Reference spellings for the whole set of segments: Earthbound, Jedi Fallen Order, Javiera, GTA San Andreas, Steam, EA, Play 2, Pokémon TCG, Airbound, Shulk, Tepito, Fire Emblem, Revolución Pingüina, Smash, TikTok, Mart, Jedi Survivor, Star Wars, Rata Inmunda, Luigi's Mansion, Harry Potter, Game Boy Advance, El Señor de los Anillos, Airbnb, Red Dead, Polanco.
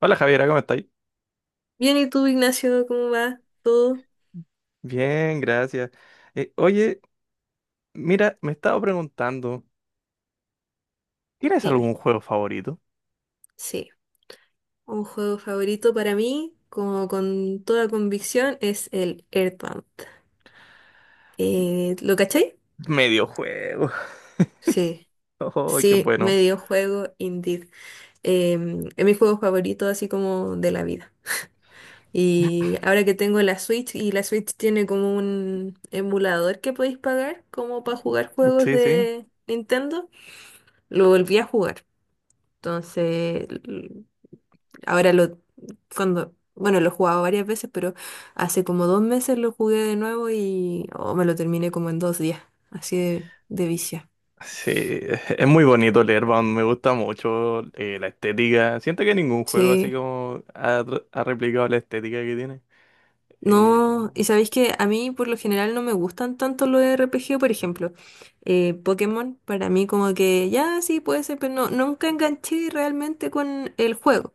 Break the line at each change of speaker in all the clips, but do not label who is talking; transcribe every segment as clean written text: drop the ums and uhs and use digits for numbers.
Hola Javiera, ¿cómo estáis?
Bien, ¿y tú, Ignacio, cómo va todo?
Bien, gracias. Eh, oye, mira, me estaba preguntando, ¿tienes
Dime.
algún juego favorito?
Sí, un juego favorito para mí, como con toda convicción, es el Earthbound. ¿Lo cachai?
Mediojuego.
Sí,
Oh, qué
sí,
bueno.
medio juego, indeed. Es mi juego favorito, así como de la vida. Y ahora que tengo la Switch, y la Switch tiene como un emulador que podéis pagar, como para jugar juegos
Sí, sí.
de Nintendo, lo volví a jugar. Entonces, Ahora lo, bueno, lo he jugado varias veces, pero hace como 2 meses lo jugué de nuevo y oh, me lo terminé como en 2 días, así de vicio.
Sí, es muy bonito leer, Bound, me gusta mucho la estética. Siento que ningún juego así
Sí.
como ha replicado la estética que tiene. Eh,
No, y sabéis que a mí por lo general no me gustan tanto los RPG, por ejemplo, Pokémon, para mí como que ya sí puede ser, pero no, nunca enganché realmente con el juego.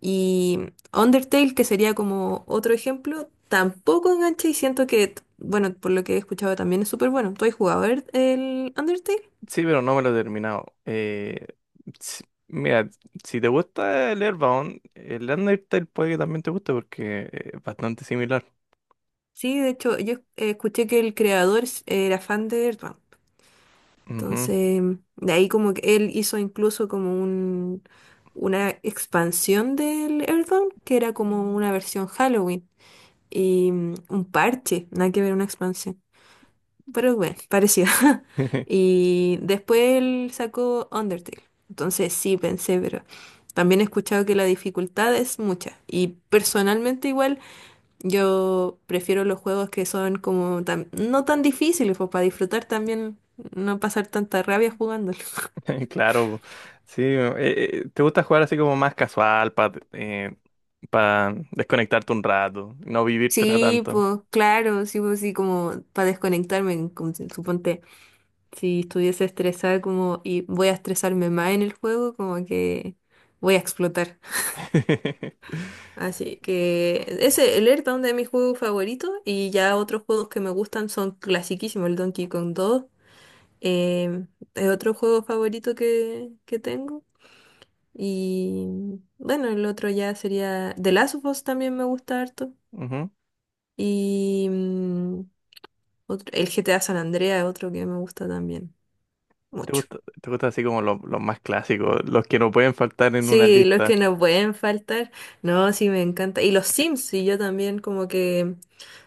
Y Undertale, que sería como otro ejemplo, tampoco engancha y siento que, bueno, por lo que he escuchado también es súper bueno. ¿Tú has jugado el Undertale?
sí, pero no me lo he terminado. Mira, si te gusta el Airbound, el Undertale puede que también te guste porque es bastante similar.
Sí, de hecho, yo escuché que el era fan de Earthbound.
Ujú.
Entonces, de ahí como que él hizo incluso como una expansión del Earthbound, que era como
Mm.
una versión Halloween y un parche, nada que ver una expansión, pero bueno, parecido. Y después él sacó Undertale. Entonces sí, pensé, pero también he escuchado que la dificultad es mucha. Y personalmente igual yo prefiero los juegos que son no tan difíciles, pues para disfrutar también, no pasar tanta rabia jugándolos.
Claro, sí. ¿Te gusta jugar así como más casual para desconectarte un rato, no vivírtela
Sí,
tanto?
pues claro, sí, pues sí, como para desconectarme, como si- suponte, si estuviese estresada como y voy a estresarme más en el juego, como que voy a explotar. Así que ese, el Earthbound es de mis juegos favoritos y ya otros juegos que me gustan son clasiquísimos, el Donkey Kong 2, em, es otro juego favorito que tengo y bueno, el otro ya sería The Last of Us, también me gusta harto
Ujú.
y el GTA San Andreas es otro que me gusta también mucho.
Te gusta así como los más clásicos, los que no pueden faltar en una
Sí, los que
lista?
nos pueden faltar, no, sí me encanta. Y los Sims, sí, yo también como que...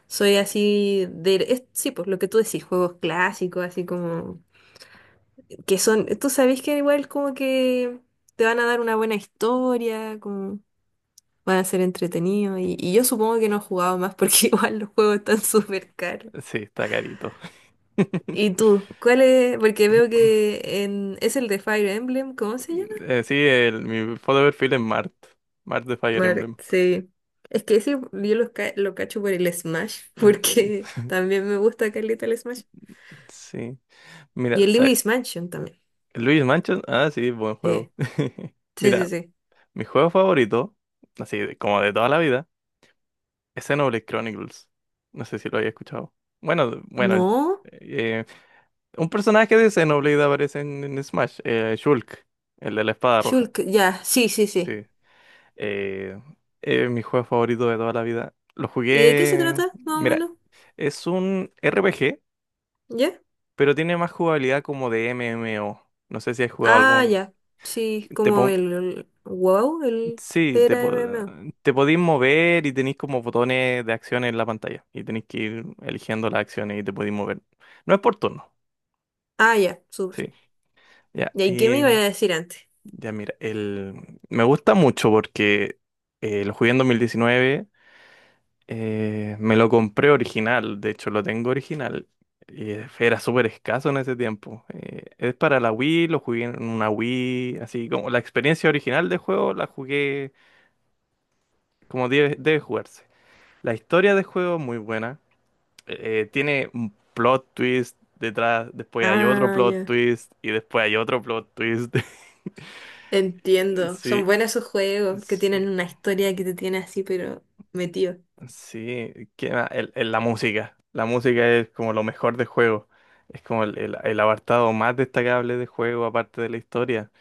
Soy así sí, pues lo que tú decís, juegos clásicos, así como... Que son... Tú sabés que igual como que te van a dar una buena historia, como van a ser entretenidos. Y yo supongo que no he jugado más porque igual los juegos están súper caros.
Sí, está carito.
¿Y tú? ¿Cuál es? Porque veo que en... es el de Fire Emblem, ¿cómo se llama?
Sí, mi foto de perfil es Mart, Mart de Fire Emblem.
Sí. Es que ese yo lo cacho por el Smash, porque también me gusta Carlita el Smash.
Sí,
Y
mira,
el Luigi's Mansion también.
Luis Mansion, ah, sí, buen juego.
Eh, Sí, sí,
Mira,
sí.
mi juego favorito, como de toda la vida, es Xenoblade Chronicles. No sé si lo había escuchado. Bueno, bueno,
No,
eh, un personaje de Xenoblade aparece en Smash, Shulk, el de la espada roja.
Shulk, ya, sí, sí, sí.
Sí. Eh, mi juego favorito de toda la vida. Lo
¿Y de qué se
jugué.
trata, más o
Mira,
menos?
es un RPG,
¿Ya?
pero tiene más jugabilidad como de MMO. No sé si has jugado
Ah,
algún.
ya. Sí,
Te
como
pon-
wow, el
Sí,
era MMO.
te podís mover y tenéis como botones de acción en la pantalla. Y tenéis que ir eligiendo las acciones y te podéis mover. No es por turno.
Ah, ya, súper.
Sí. Ya,
¿Y ahí qué me iba a
eh,
decir antes?
ya mira, el... me gusta mucho porque lo jugué en 2019. Me lo compré original. De hecho, lo tengo original. Y era súper escaso en ese tiempo. Es para la Wii, lo jugué en una Wii. Así como la experiencia original del juego la jugué como debe jugarse. La historia del juego es muy buena. Tiene un plot twist detrás, después hay otro
Ah,
plot
ya.
twist y después hay otro plot twist.
Entiendo. Son
Sí,
buenos esos juegos que
sí,
tienen una historia que te tiene así, pero metido.
sí. ¿Qué más? La música. La música es como lo mejor del juego. Es como el apartado más destacable del juego, aparte de la historia.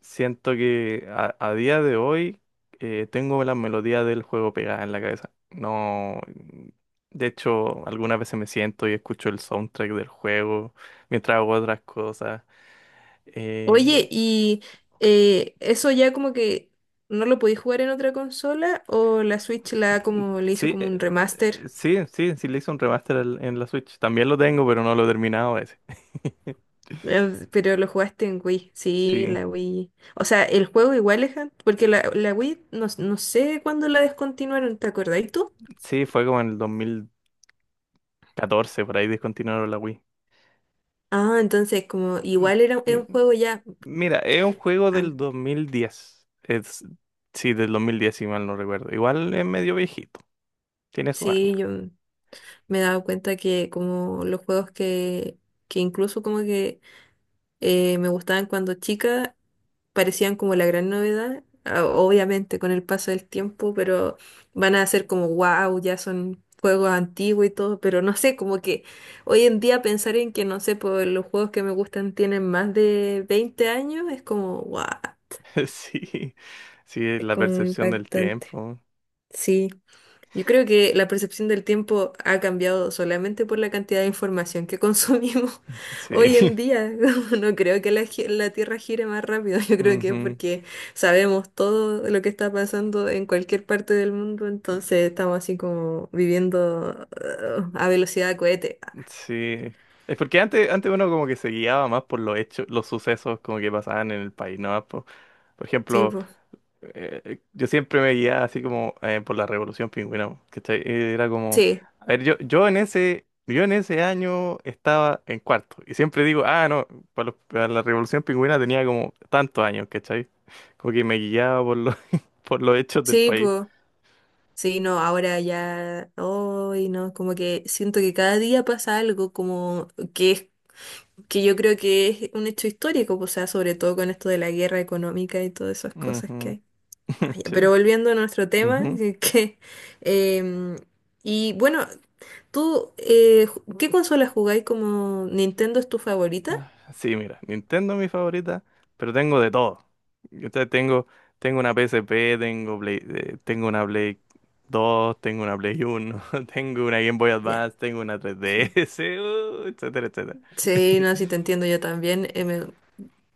Siento que a día de hoy tengo la melodía del juego pegada en la cabeza. No, de hecho, algunas veces me siento y escucho el soundtrack del juego mientras hago otras cosas. Eh,
Oye, ¿y eso ya como que no lo podéis jugar en otra consola? ¿O la Switch la como le hizo
sí,
como un remaster?
sí, sí, sí le hice un remaster en la Switch. También lo tengo, pero no lo he terminado ese.
Pero lo jugaste en Wii, sí,
Sí,
la Wii. O sea, el juego igual porque la Wii no, no sé cuándo la descontinuaron, ¿te acordáis tú?
sí, fue como en el 2014 por ahí descontinuaron la Wii.
Ah, entonces como
Mm,
igual era
sí.
un juego ya.
Mira, es un juego del
an-
2010. Es, sí, del 2010 si mal no recuerdo. Igual es medio viejito. Tiene su
Sí,
año.
yo me he dado cuenta que como los juegos que incluso como que me gustaban cuando chica, parecían como la gran novedad, obviamente con el paso del tiempo, pero van a ser como wow, ya son juegos antiguos y todo, pero no sé, como que hoy en día pensar en que, no sé, pues los juegos que me gustan tienen más de 20 años es como wow,
Sí, sí,
es
la
como
percepción del
impactante.
tiempo.
Sí. Yo creo que la percepción del tiempo ha cambiado solamente por la cantidad de información que consumimos
Sí.
hoy en día. No creo que la Tierra gire más rápido. Yo creo que es
Ujú.
porque sabemos todo lo que está pasando en cualquier parte del mundo. Entonces estamos así como viviendo a velocidad de cohete.
Sí. Es porque antes, antes uno como que se guiaba más por los hechos, los sucesos como que pasaban en el país, ¿no? Por
Sí,
ejemplo,
po.
yo siempre me guiaba así como por la Revolución Pingüina, po, ¿cachai? Era como,
Sí,
a ver, yo en ese año estaba en cuarto y siempre digo, ah, no, para, para la Revolución Pingüina tenía como tantos años, ¿cachai? Como que me guiaba por los, por los hechos del
sí,
país.
pues. Sí, no, ahora ya, hoy no, como que siento que cada día pasa algo como que es que yo creo que es un hecho histórico, pues, o sea, sobre todo con esto de la guerra económica y todas esas cosas que
Ujú,
hay. Ah, ya, pero
sí.
volviendo a nuestro tema, em, y bueno, tú, ¿qué consola jugáis como Nintendo es tu favorita?
Ah, sí, mira, Nintendo es mi favorita, pero tengo de todo. Entonces tengo, tengo una PSP, tengo una Play 2, tengo una Play 1, tengo una Game Boy
Ya,
Advance, tengo una
sí.
3DS, etcétera, etcétera.
Sí, no, si te entiendo yo también.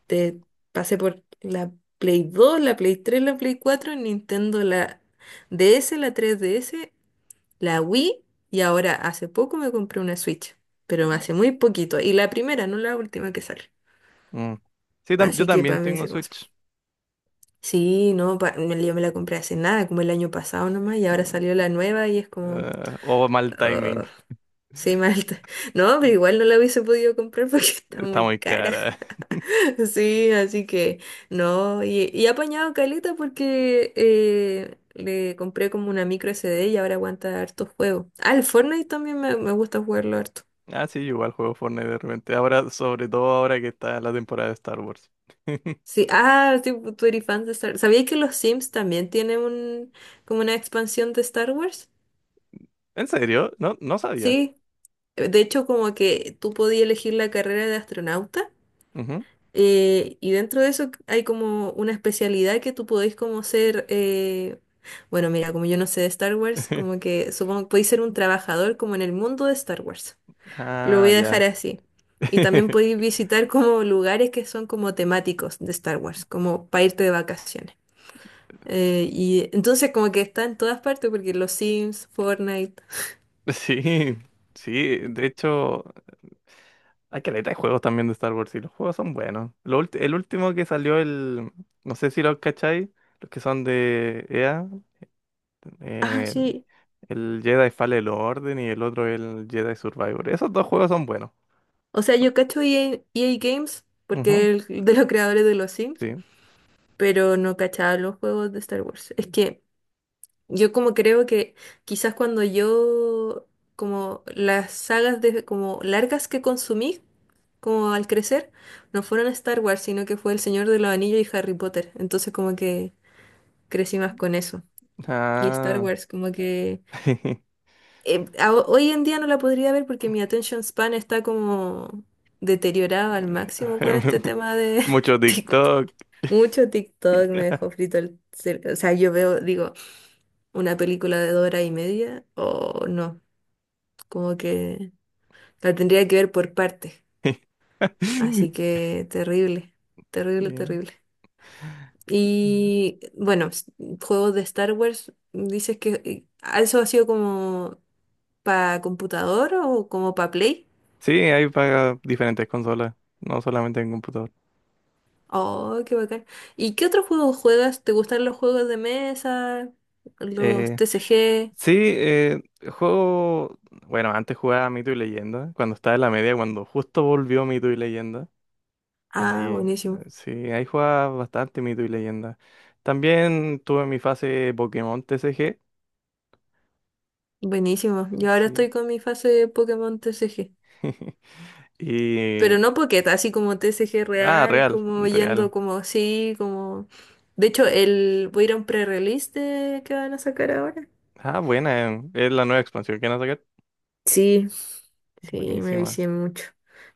Te pasé por la Play 2, la Play 3, la Play 4, Nintendo, la DS, la 3DS, la Wii y ahora hace poco me compré una Switch, pero hace muy poquito. Y la primera, no la última que sale.
Mm. Sí, yo
Así que
también
para mí
tengo
se como...
Switch.
Sí, no, yo me la compré hace nada, como el año pasado nomás, y ahora
Eh,
salió la nueva y es como...
o mal timing,
"Ugh, sí, malta. No, pero igual no la hubiese podido comprar porque está
está
muy
muy
cara.
cara.
Sí, así que no, y he apañado caleta porque le compré como una micro SD y ahora aguanta harto juego. Ah, el Fortnite también me gusta jugarlo harto.
Ah, sí, igual juego Fortnite de repente. Ahora, sobre todo ahora que está la temporada de Star Wars.
Sí, ah, tipo, tú eres fan de Star Wars. ¿Sabías que los Sims también tienen como una expansión de Star Wars?
¿En serio? No, no sabía.
Sí, de hecho como que tú podías elegir la carrera de astronauta
Ujú.
y dentro de eso hay como una especialidad que tú podéis como ser, bueno, mira, como yo no sé de Star Wars, como que supongo que podéis ser un trabajador como en el mundo de Star Wars. Lo
Ah,
voy a
ya.
dejar así. Y también podéis visitar como lugares que son como temáticos de Star Wars, como para irte de vacaciones. Y entonces como que está en todas partes, porque los Sims, Fortnite.
Sí, sí, de hecho, hay caleta de juegos también de Star Wars y los juegos son buenos. El último que salió, el, no sé si lo cacháis, los que son de EA,
Ah,
eh,
sí.
el Jedi Fallen Order y el otro el Jedi Survivor. Esos dos juegos son buenos.
O sea, yo cacho EA, EA Games,
Ujú,
porque de los creadores de los Sims,
sí.
pero no cachaba los juegos de Star Wars. Es que yo como creo que quizás cuando yo, como las sagas como largas que consumí, como al crecer, no fueron Star Wars, sino que fue El Señor de los Anillos y Harry Potter. Entonces como que crecí más con eso. Y Star
Ah,
Wars, como que... hoy en día no la podría ver porque mi attention span está como deteriorada al máximo con este tema de
mucho
TikTok.
TikTok.
Mucho TikTok me dejó frito el cerebro. O sea, yo veo, digo, una película de 2 horas y media o no, como que la tendría que ver por partes. Así que terrible, terrible,
Yeah.
terrible. Y bueno, juegos de Star Wars, dices que eso ha sido como para computador o como para Play.
Sí, hay para diferentes consolas, no solamente en computador.
Oh, qué bacán. ¿Y qué otros juegos juegas? ¿Te gustan los juegos de mesa? ¿Los
Eh,
TCG?
Sí, juego. Bueno, antes jugaba Mito y Leyenda, cuando estaba en la media, cuando justo volvió Mito y Leyenda. Ahí,
Ah, buenísimo.
sí, ahí jugaba bastante Mito y Leyenda. También tuve mi fase Pokémon TCG.
Buenísimo. Yo ahora estoy
Sí.
con mi fase de Pokémon TCG. Pero
Y.
no Pocket, así como TCG
Ah,
real,
real,
como
real.
yendo como así, como... De hecho, el... voy a ir a un pre-release de... que van a sacar ahora.
Ah, buena, es la nueva expansión que van a sacar.
Sí, sí, me
Buenísima.
vicié mucho.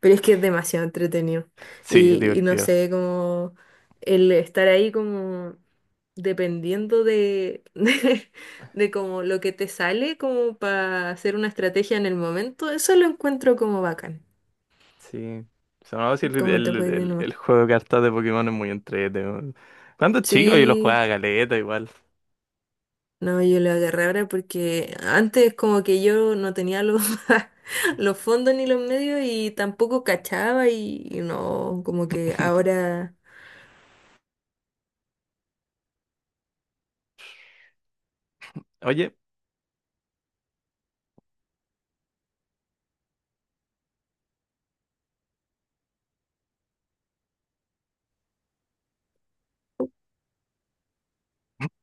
Pero es que es demasiado entretenido.
Sí, es
Y no
divertido.
sé, como el estar ahí como dependiendo de, de, como lo que te sale, como para hacer una estrategia en el momento, eso lo encuentro como bacán,
Sí. Se me va a decir,
como te puede ir nomás.
el juego de cartas de Pokémon es muy entretenido. Cuando chico yo lo
Sí,
jugaba a galeta igual.
no, yo lo agarré ahora porque antes como que yo no tenía los, los fondos ni los medios y tampoco cachaba y no, como que ahora...
Oye,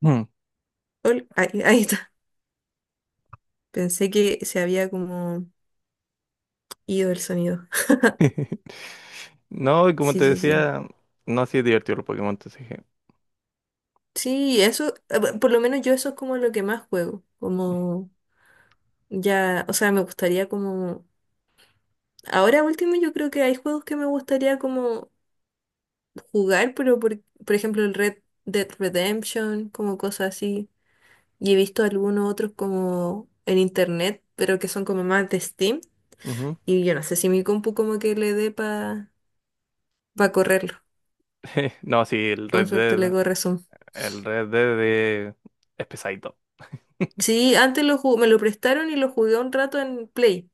mm.
Ahí, ahí está. Pensé que se había como ido el sonido.
No, y como
Sí,
te
sí, sí.
decía, no, así es divertido los Pokémon, te dije.
Sí, eso, por lo menos yo eso es como lo que más juego. Como ya, o sea, me gustaría como... Ahora último yo creo que hay juegos que me gustaría como jugar, pero por ejemplo el Red Dead Redemption, como cosas así. Y he visto algunos otros como en internet, pero que son como más de Steam.
Ujú.
Y yo no sé si mi compu como que le dé para correrlo.
No, sí,
Con suerte le corre.
El Red Dead es pesadito.
Sí, antes me lo prestaron y lo jugué un rato en Play,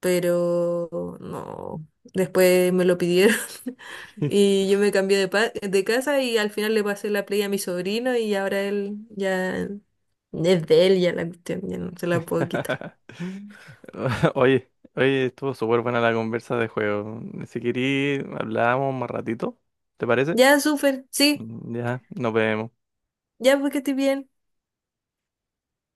pero no, después me lo pidieron y yo me cambié de casa y al final le pasé la Play a mi sobrino y ahora él ya es de él, ya la cuestión, ya no se la puedo quitar.
Oye, oye, estuvo súper buena la conversa de juego. Si querís, hablamos más ratito, ¿te parece?
Ya, súper, sí,
Ya, nos vemos.
ya porque estoy bien.